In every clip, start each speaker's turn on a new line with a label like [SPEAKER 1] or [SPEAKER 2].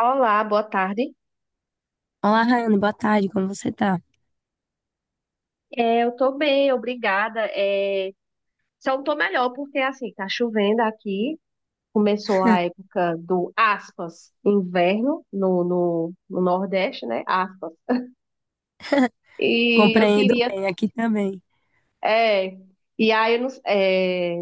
[SPEAKER 1] Olá, boa tarde.
[SPEAKER 2] Olá, Rayane, boa tarde, como você tá?
[SPEAKER 1] É, eu tô bem, obrigada. É, só não tô melhor porque assim, tá chovendo aqui. Começou a época do aspas, inverno no Nordeste, né? Aspas. E eu
[SPEAKER 2] Compreendo
[SPEAKER 1] queria,
[SPEAKER 2] bem, aqui também.
[SPEAKER 1] é, e aí eu, não- é,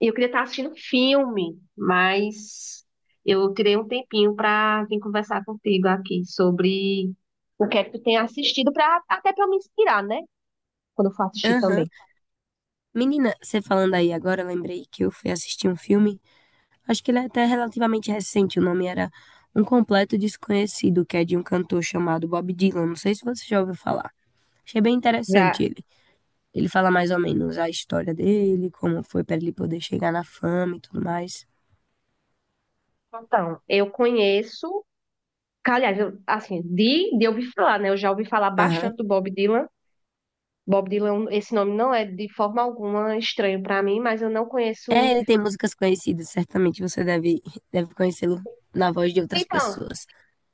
[SPEAKER 1] eu queria estar assistindo filme, mas eu tirei um tempinho para vir conversar contigo aqui sobre o que é que tu tem assistido para até para me inspirar, né? Quando eu for assistir
[SPEAKER 2] Aham.
[SPEAKER 1] também.
[SPEAKER 2] Menina, você falando aí agora, eu lembrei que eu fui assistir um filme, acho que ele é até relativamente recente, o nome era Um Completo Desconhecido, que é de um cantor chamado Bob Dylan, não sei se você já ouviu falar. Achei bem interessante
[SPEAKER 1] Já.
[SPEAKER 2] ele. Ele fala mais ou menos a história dele, como foi para ele poder chegar na fama e tudo mais.
[SPEAKER 1] Então, eu conheço, aliás, eu, assim, de ouvir falar, né? Eu já ouvi falar
[SPEAKER 2] Aham.
[SPEAKER 1] bastante do Bob Dylan. Bob Dylan, esse nome não é de forma alguma estranho para mim, mas eu não
[SPEAKER 2] É,
[SPEAKER 1] conheço.
[SPEAKER 2] ele tem músicas conhecidas, certamente você deve conhecê-lo na voz de outras
[SPEAKER 1] Então,
[SPEAKER 2] pessoas.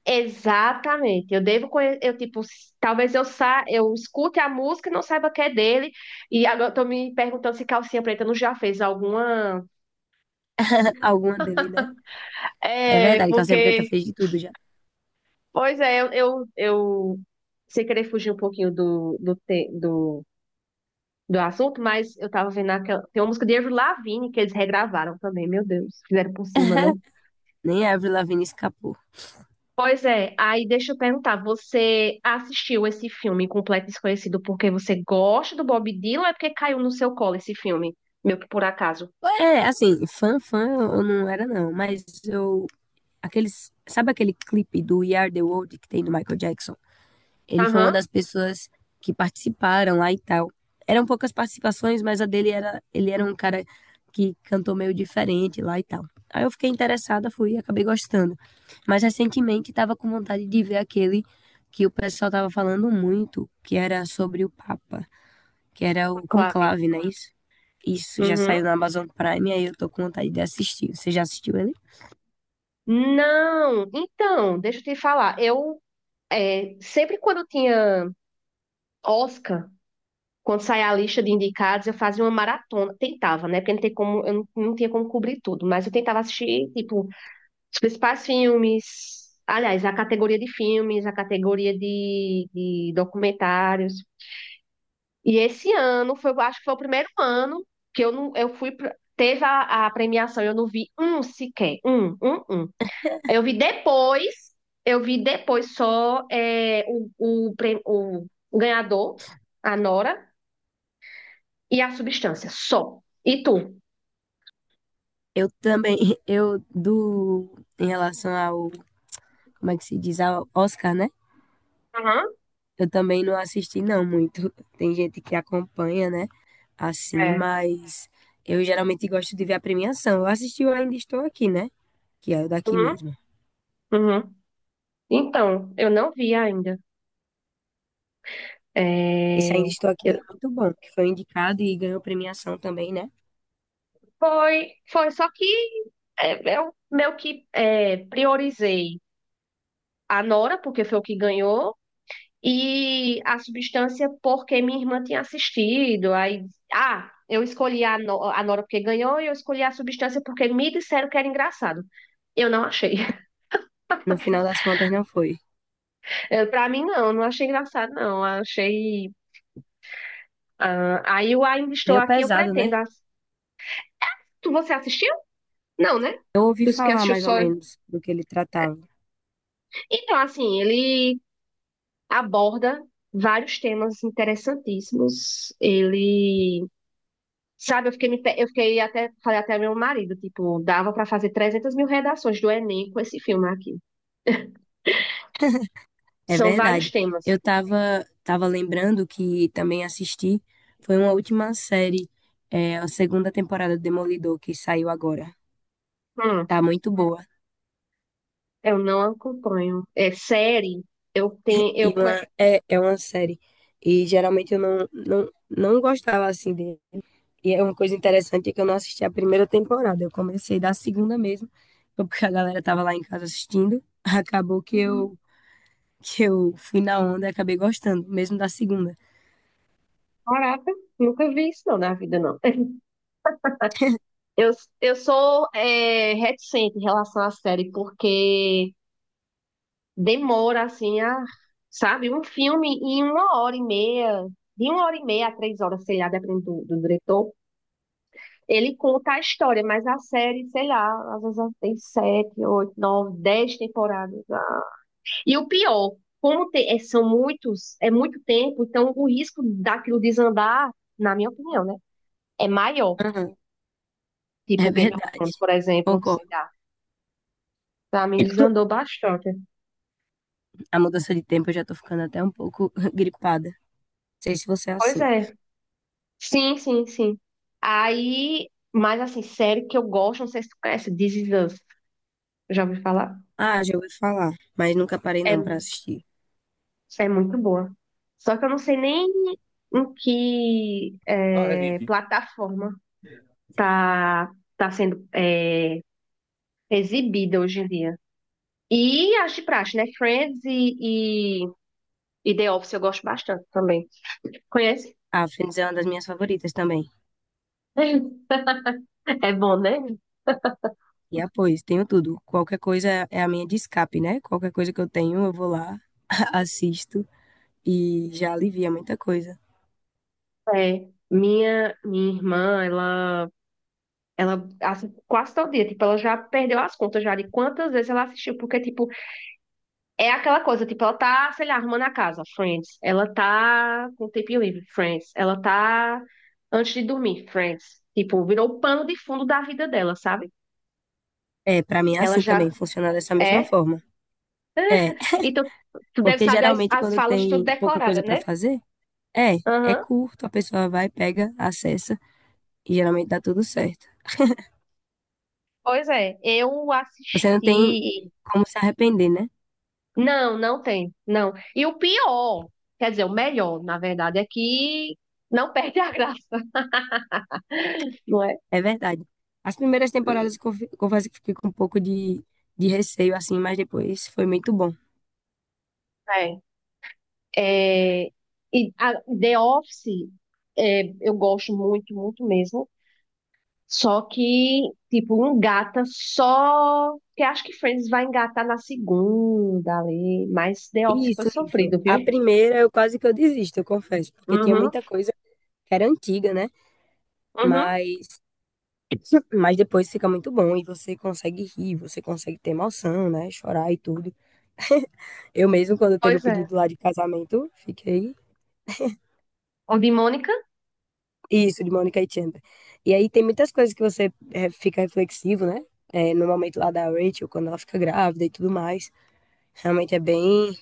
[SPEAKER 1] exatamente. Eu devo conhecer, eu tipo, talvez eu escute a música e não saiba que é dele. E agora eu tô me perguntando se Calcinha Preta não já fez alguma.
[SPEAKER 2] Alguma dele, né? É
[SPEAKER 1] É,
[SPEAKER 2] verdade, Calcinha Preta
[SPEAKER 1] porque,
[SPEAKER 2] fez de tudo já.
[SPEAKER 1] pois é, eu sem querer fugir um pouquinho do, do, te- do do assunto, mas eu tava vendo aquela. Tem uma música de Avril Lavigne que eles regravaram também, meu Deus. Fizeram por cima, né?
[SPEAKER 2] Nem a Avril Lavigne escapou.
[SPEAKER 1] Pois é, aí deixa eu perguntar, você assistiu esse filme Completo Desconhecido porque você gosta do Bob Dylan ou é porque caiu no seu colo esse filme? Meu que por acaso.
[SPEAKER 2] É, assim, fã eu não era não, mas eu... Aqueles, sabe aquele clipe do We Are The World que tem do Michael Jackson? Ele foi uma
[SPEAKER 1] Aham.
[SPEAKER 2] das pessoas que participaram lá e tal. Eram poucas participações, mas a dele era... Ele era um cara que cantou meio diferente lá e tal. Aí eu fiquei interessada, fui e acabei gostando. Mas recentemente tava com vontade de ver aquele que o pessoal tava falando muito, que era sobre o Papa, que era o
[SPEAKER 1] Clave.
[SPEAKER 2] Conclave, né? Isso? Isso, já
[SPEAKER 1] Uhum.
[SPEAKER 2] saiu na Amazon Prime, aí eu tô com vontade de assistir. Você já assistiu ele?
[SPEAKER 1] Não, então, deixa eu te falar. Sempre quando tinha Oscar, quando saía a lista de indicados, eu fazia uma maratona. Tentava, né? Porque não tem como, eu não tinha como cobrir tudo. Mas eu tentava assistir, tipo, os principais filmes. Aliás, a categoria de filmes, a categoria de documentários. E esse ano, eu acho que foi o primeiro ano que eu não, eu fui, pra- teve a premiação, eu não vi um sequer, um. Eu vi depois, eu vi depois, só o ganhador, a Nora, e a substância, só. E tu?
[SPEAKER 2] Eu também, em relação ao, como é que se diz, ao Oscar, né?
[SPEAKER 1] Uhum.
[SPEAKER 2] Eu também não assisti não muito. Tem gente que acompanha, né? Assim,
[SPEAKER 1] É.
[SPEAKER 2] mas eu geralmente gosto de ver a premiação. Eu assisti o Ainda Estou Aqui, né? Que é o daqui
[SPEAKER 1] Uhum.
[SPEAKER 2] mesmo.
[SPEAKER 1] Uhum. Então, eu não vi ainda.
[SPEAKER 2] Esse Ainda
[SPEAKER 1] É,
[SPEAKER 2] Estou Aqui,
[SPEAKER 1] eu-
[SPEAKER 2] ele é muito bom, que foi indicado e ganhou premiação também, né?
[SPEAKER 1] foi, só que eu meio que priorizei a Nora, porque foi o que ganhou, e a substância, porque minha irmã tinha assistido. Aí, ah, eu escolhi a, No- a Nora porque ganhou, e eu escolhi a substância porque me disseram que era engraçado. Eu não achei.
[SPEAKER 2] No final das contas não foi.
[SPEAKER 1] Pra mim, não, não achei engraçado, não. Achei. Ah, aí o Ainda Estou
[SPEAKER 2] Meio
[SPEAKER 1] Aqui eu
[SPEAKER 2] pesado, né?
[SPEAKER 1] pretendo. Você assistiu? Não, né?
[SPEAKER 2] Eu ouvi
[SPEAKER 1] Tu que
[SPEAKER 2] falar
[SPEAKER 1] assistiu
[SPEAKER 2] mais ou
[SPEAKER 1] só.
[SPEAKER 2] menos do que ele tratava.
[SPEAKER 1] Então, assim, ele aborda vários temas interessantíssimos. Ele. Sabe, eu fiquei até. Falei até ao meu marido, tipo, dava pra fazer 300 mil redações do Enem com esse filme aqui.
[SPEAKER 2] É
[SPEAKER 1] São vários
[SPEAKER 2] verdade.
[SPEAKER 1] temas.
[SPEAKER 2] Eu tava lembrando que também assisti. Foi uma última série, a segunda temporada do Demolidor que saiu agora.
[SPEAKER 1] Hum.
[SPEAKER 2] Tá muito boa.
[SPEAKER 1] Eu não acompanho. É série. Eu tenho.
[SPEAKER 2] E uma, é uma série. E geralmente eu não gostava assim dele. E é uma coisa interessante é que eu não assisti a primeira temporada. Eu comecei da segunda mesmo, porque a galera tava lá em casa assistindo. Acabou que
[SPEAKER 1] Uhum.
[SPEAKER 2] eu, que eu fui na onda e acabei gostando, mesmo da segunda.
[SPEAKER 1] Caraca, nunca vi isso não na vida, não. Eu, eu sou reticente em relação à série, porque demora, assim, sabe? Um filme em uma hora e meia, de uma hora e meia a três horas, sei lá, dependendo do diretor, ele conta a história, mas a série, sei lá, às vezes ela tem sete, oito, nove, dez temporadas. Ah, e o pior, são muitos, muito tempo, então o risco daquilo desandar, na minha opinião, né? É maior.
[SPEAKER 2] Aham.
[SPEAKER 1] Tipo
[SPEAKER 2] É
[SPEAKER 1] Game of
[SPEAKER 2] verdade,
[SPEAKER 1] Thrones, por exemplo, sei
[SPEAKER 2] concordo.
[SPEAKER 1] lá. Pra mim desandou bastante.
[SPEAKER 2] A mudança de tempo eu já tô ficando até um pouco gripada. Não sei se você é
[SPEAKER 1] Pois
[SPEAKER 2] assim.
[SPEAKER 1] é. Sim, sim, sim. Aí, mas assim, série que eu gosto, não sei se tu conhece, This Is Us. Já ouvi falar?
[SPEAKER 2] Ah, já ouvi falar, mas nunca parei não
[SPEAKER 1] É,
[SPEAKER 2] pra assistir.
[SPEAKER 1] é muito boa. Só que eu não sei nem em que
[SPEAKER 2] Ah, é, vim aqui.
[SPEAKER 1] plataforma tá, tá sendo exibida hoje em dia. E as de praxe, né? Friends e The Office eu gosto bastante também. Conhece?
[SPEAKER 2] Ah, Friends é uma das minhas favoritas também.
[SPEAKER 1] É bom, né?
[SPEAKER 2] E apoio, tenho tudo. Qualquer coisa é a minha de escape, né? Qualquer coisa que eu tenho, eu vou lá, assisto e já alivia muita coisa.
[SPEAKER 1] É. Minha irmã, ela, assim, quase todo dia, tipo, ela já perdeu as contas já de quantas vezes ela assistiu, porque, tipo, é aquela coisa, tipo, ela tá, sei lá, arrumando a casa, Friends. Ela tá com tempo livre, Friends. Ela tá antes de dormir, Friends. Tipo, virou o pano de fundo da vida dela, sabe?
[SPEAKER 2] É, pra mim é
[SPEAKER 1] Ela
[SPEAKER 2] assim
[SPEAKER 1] já
[SPEAKER 2] também, funciona dessa mesma
[SPEAKER 1] é.
[SPEAKER 2] forma. É,
[SPEAKER 1] Então, tu deve
[SPEAKER 2] porque
[SPEAKER 1] saber as,
[SPEAKER 2] geralmente
[SPEAKER 1] as
[SPEAKER 2] quando
[SPEAKER 1] falas tudo
[SPEAKER 2] tem pouca
[SPEAKER 1] decorada,
[SPEAKER 2] coisa pra
[SPEAKER 1] né?
[SPEAKER 2] fazer, é, é
[SPEAKER 1] Aham.
[SPEAKER 2] curto, a pessoa vai, pega, acessa. E geralmente dá tudo certo.
[SPEAKER 1] Pois é, eu
[SPEAKER 2] Você não tem
[SPEAKER 1] assisti.
[SPEAKER 2] como se arrepender, né?
[SPEAKER 1] Não, não tem, não. E o pior, quer dizer, o melhor, na verdade, é que não perde a graça, não é?
[SPEAKER 2] É verdade. As primeiras temporadas, eu confesso que fiquei com um pouco de receio, assim, mas depois foi muito bom.
[SPEAKER 1] É. É, e a The Office eu gosto muito, muito mesmo. Só que, tipo, um gata só. Que acho que Friends vai engatar na segunda ali. Mas The Office foi
[SPEAKER 2] Isso, isso.
[SPEAKER 1] sofrido,
[SPEAKER 2] A
[SPEAKER 1] viu?
[SPEAKER 2] primeira eu quase que eu desisto, eu confesso, porque tinha
[SPEAKER 1] Uhum,
[SPEAKER 2] muita coisa que era antiga, né?
[SPEAKER 1] uhum.
[SPEAKER 2] Mas, mas depois fica muito bom e você consegue rir, você consegue ter emoção, né? Chorar e tudo. Eu mesmo, quando teve o
[SPEAKER 1] Pois é.
[SPEAKER 2] pedido lá de casamento, fiquei.
[SPEAKER 1] O de Mônica?
[SPEAKER 2] Isso, de Mônica e Chandler. E aí tem muitas coisas que você fica reflexivo, né? É, no momento lá da Rachel, quando ela fica grávida e tudo mais. Realmente é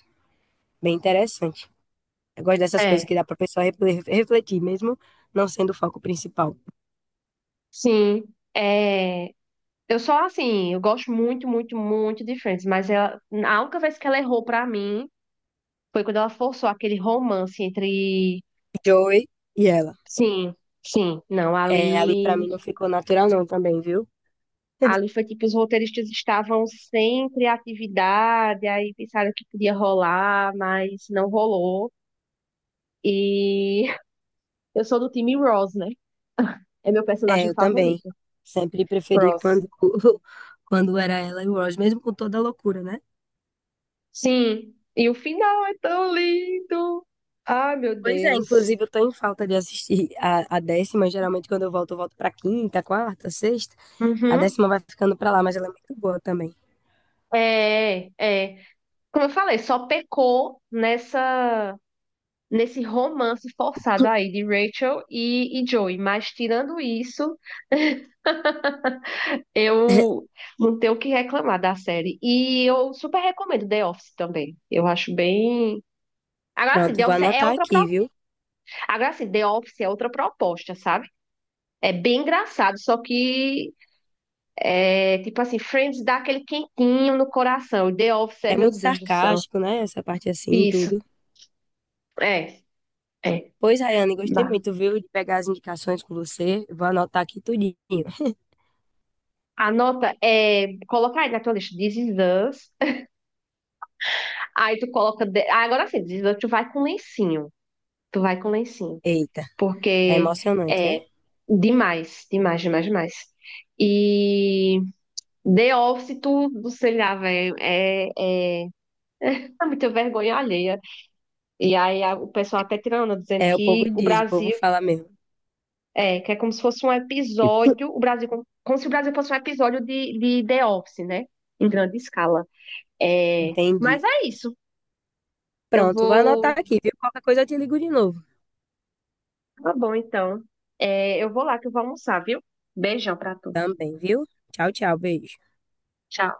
[SPEAKER 2] bem interessante. Eu gosto dessas coisas
[SPEAKER 1] É.
[SPEAKER 2] que dá pra pessoa refletir, mesmo não sendo o foco principal.
[SPEAKER 1] Sim. É. Eu só, assim, eu gosto muito, muito, muito de Friends. Mas ela... a única vez que ela errou pra mim foi quando ela forçou aquele romance entre.
[SPEAKER 2] Joey e ela.
[SPEAKER 1] Sim, sim. Não,
[SPEAKER 2] É, ali
[SPEAKER 1] ali,
[SPEAKER 2] pra mim não ficou natural não também, viu?
[SPEAKER 1] ali foi tipo, os roteiristas estavam sem criatividade, aí pensaram que podia rolar, mas não rolou. E eu sou do time Ross, né? É meu
[SPEAKER 2] É,
[SPEAKER 1] personagem
[SPEAKER 2] eu também.
[SPEAKER 1] favorito.
[SPEAKER 2] Sempre preferi
[SPEAKER 1] Ross.
[SPEAKER 2] quando, quando era ela e o Ross, mesmo com toda a loucura, né?
[SPEAKER 1] Sim. E o final é tão lindo. Ai, meu
[SPEAKER 2] Pois é,
[SPEAKER 1] Deus.
[SPEAKER 2] inclusive eu tô em falta de assistir a décima. Geralmente quando eu volto pra quinta, quarta, sexta. A
[SPEAKER 1] Uhum.
[SPEAKER 2] décima vai ficando pra lá, mas ela é muito boa também.
[SPEAKER 1] É, é. Como eu falei, só pecou nessa. Nesse romance forçado aí de Rachel e Joey. Mas tirando isso, eu não tenho o que reclamar da série. E eu super recomendo The Office também. Eu acho bem. Agora assim,
[SPEAKER 2] Pronto,
[SPEAKER 1] The
[SPEAKER 2] vou
[SPEAKER 1] Office é
[SPEAKER 2] anotar
[SPEAKER 1] outra pro...
[SPEAKER 2] aqui, viu?
[SPEAKER 1] Agora assim, The Office é outra proposta, sabe? É bem engraçado, só que é tipo assim, Friends dá aquele quentinho no coração. E The Office
[SPEAKER 2] É
[SPEAKER 1] meu
[SPEAKER 2] muito
[SPEAKER 1] Deus do céu.
[SPEAKER 2] sarcástico, né? Essa parte assim,
[SPEAKER 1] Isso,
[SPEAKER 2] tudo.
[SPEAKER 1] é, é.
[SPEAKER 2] Pois, Rayane, gostei
[SPEAKER 1] Bah.
[SPEAKER 2] muito, viu, de pegar as indicações com você. Vou anotar aqui tudinho.
[SPEAKER 1] A nota é. Colocar aí na tua lista This Is Us. Aí tu coloca. Ah, agora sim, tu vai com lencinho. Tu vai com lencinho.
[SPEAKER 2] Eita, é
[SPEAKER 1] Porque
[SPEAKER 2] emocionante, é?
[SPEAKER 1] é demais, demais, demais, demais. E The Office, tu sei lá, velho, é muita vergonha alheia. E aí o pessoal até tirando, dizendo
[SPEAKER 2] É, o
[SPEAKER 1] que
[SPEAKER 2] povo
[SPEAKER 1] o
[SPEAKER 2] diz, o povo
[SPEAKER 1] Brasil
[SPEAKER 2] fala mesmo.
[SPEAKER 1] que é como se fosse um episódio, o Brasil, como se o Brasil fosse um episódio de The Office, né? Em grande escala. É,
[SPEAKER 2] Entendi.
[SPEAKER 1] mas é isso. Eu
[SPEAKER 2] Pronto, vou
[SPEAKER 1] vou.
[SPEAKER 2] anotar aqui, viu? Qualquer coisa eu te ligo de novo.
[SPEAKER 1] Tá bom, então. É, eu vou lá que eu vou almoçar, viu? Beijão pra tu.
[SPEAKER 2] Também, viu? Tchau, tchau, beijo.
[SPEAKER 1] Tchau.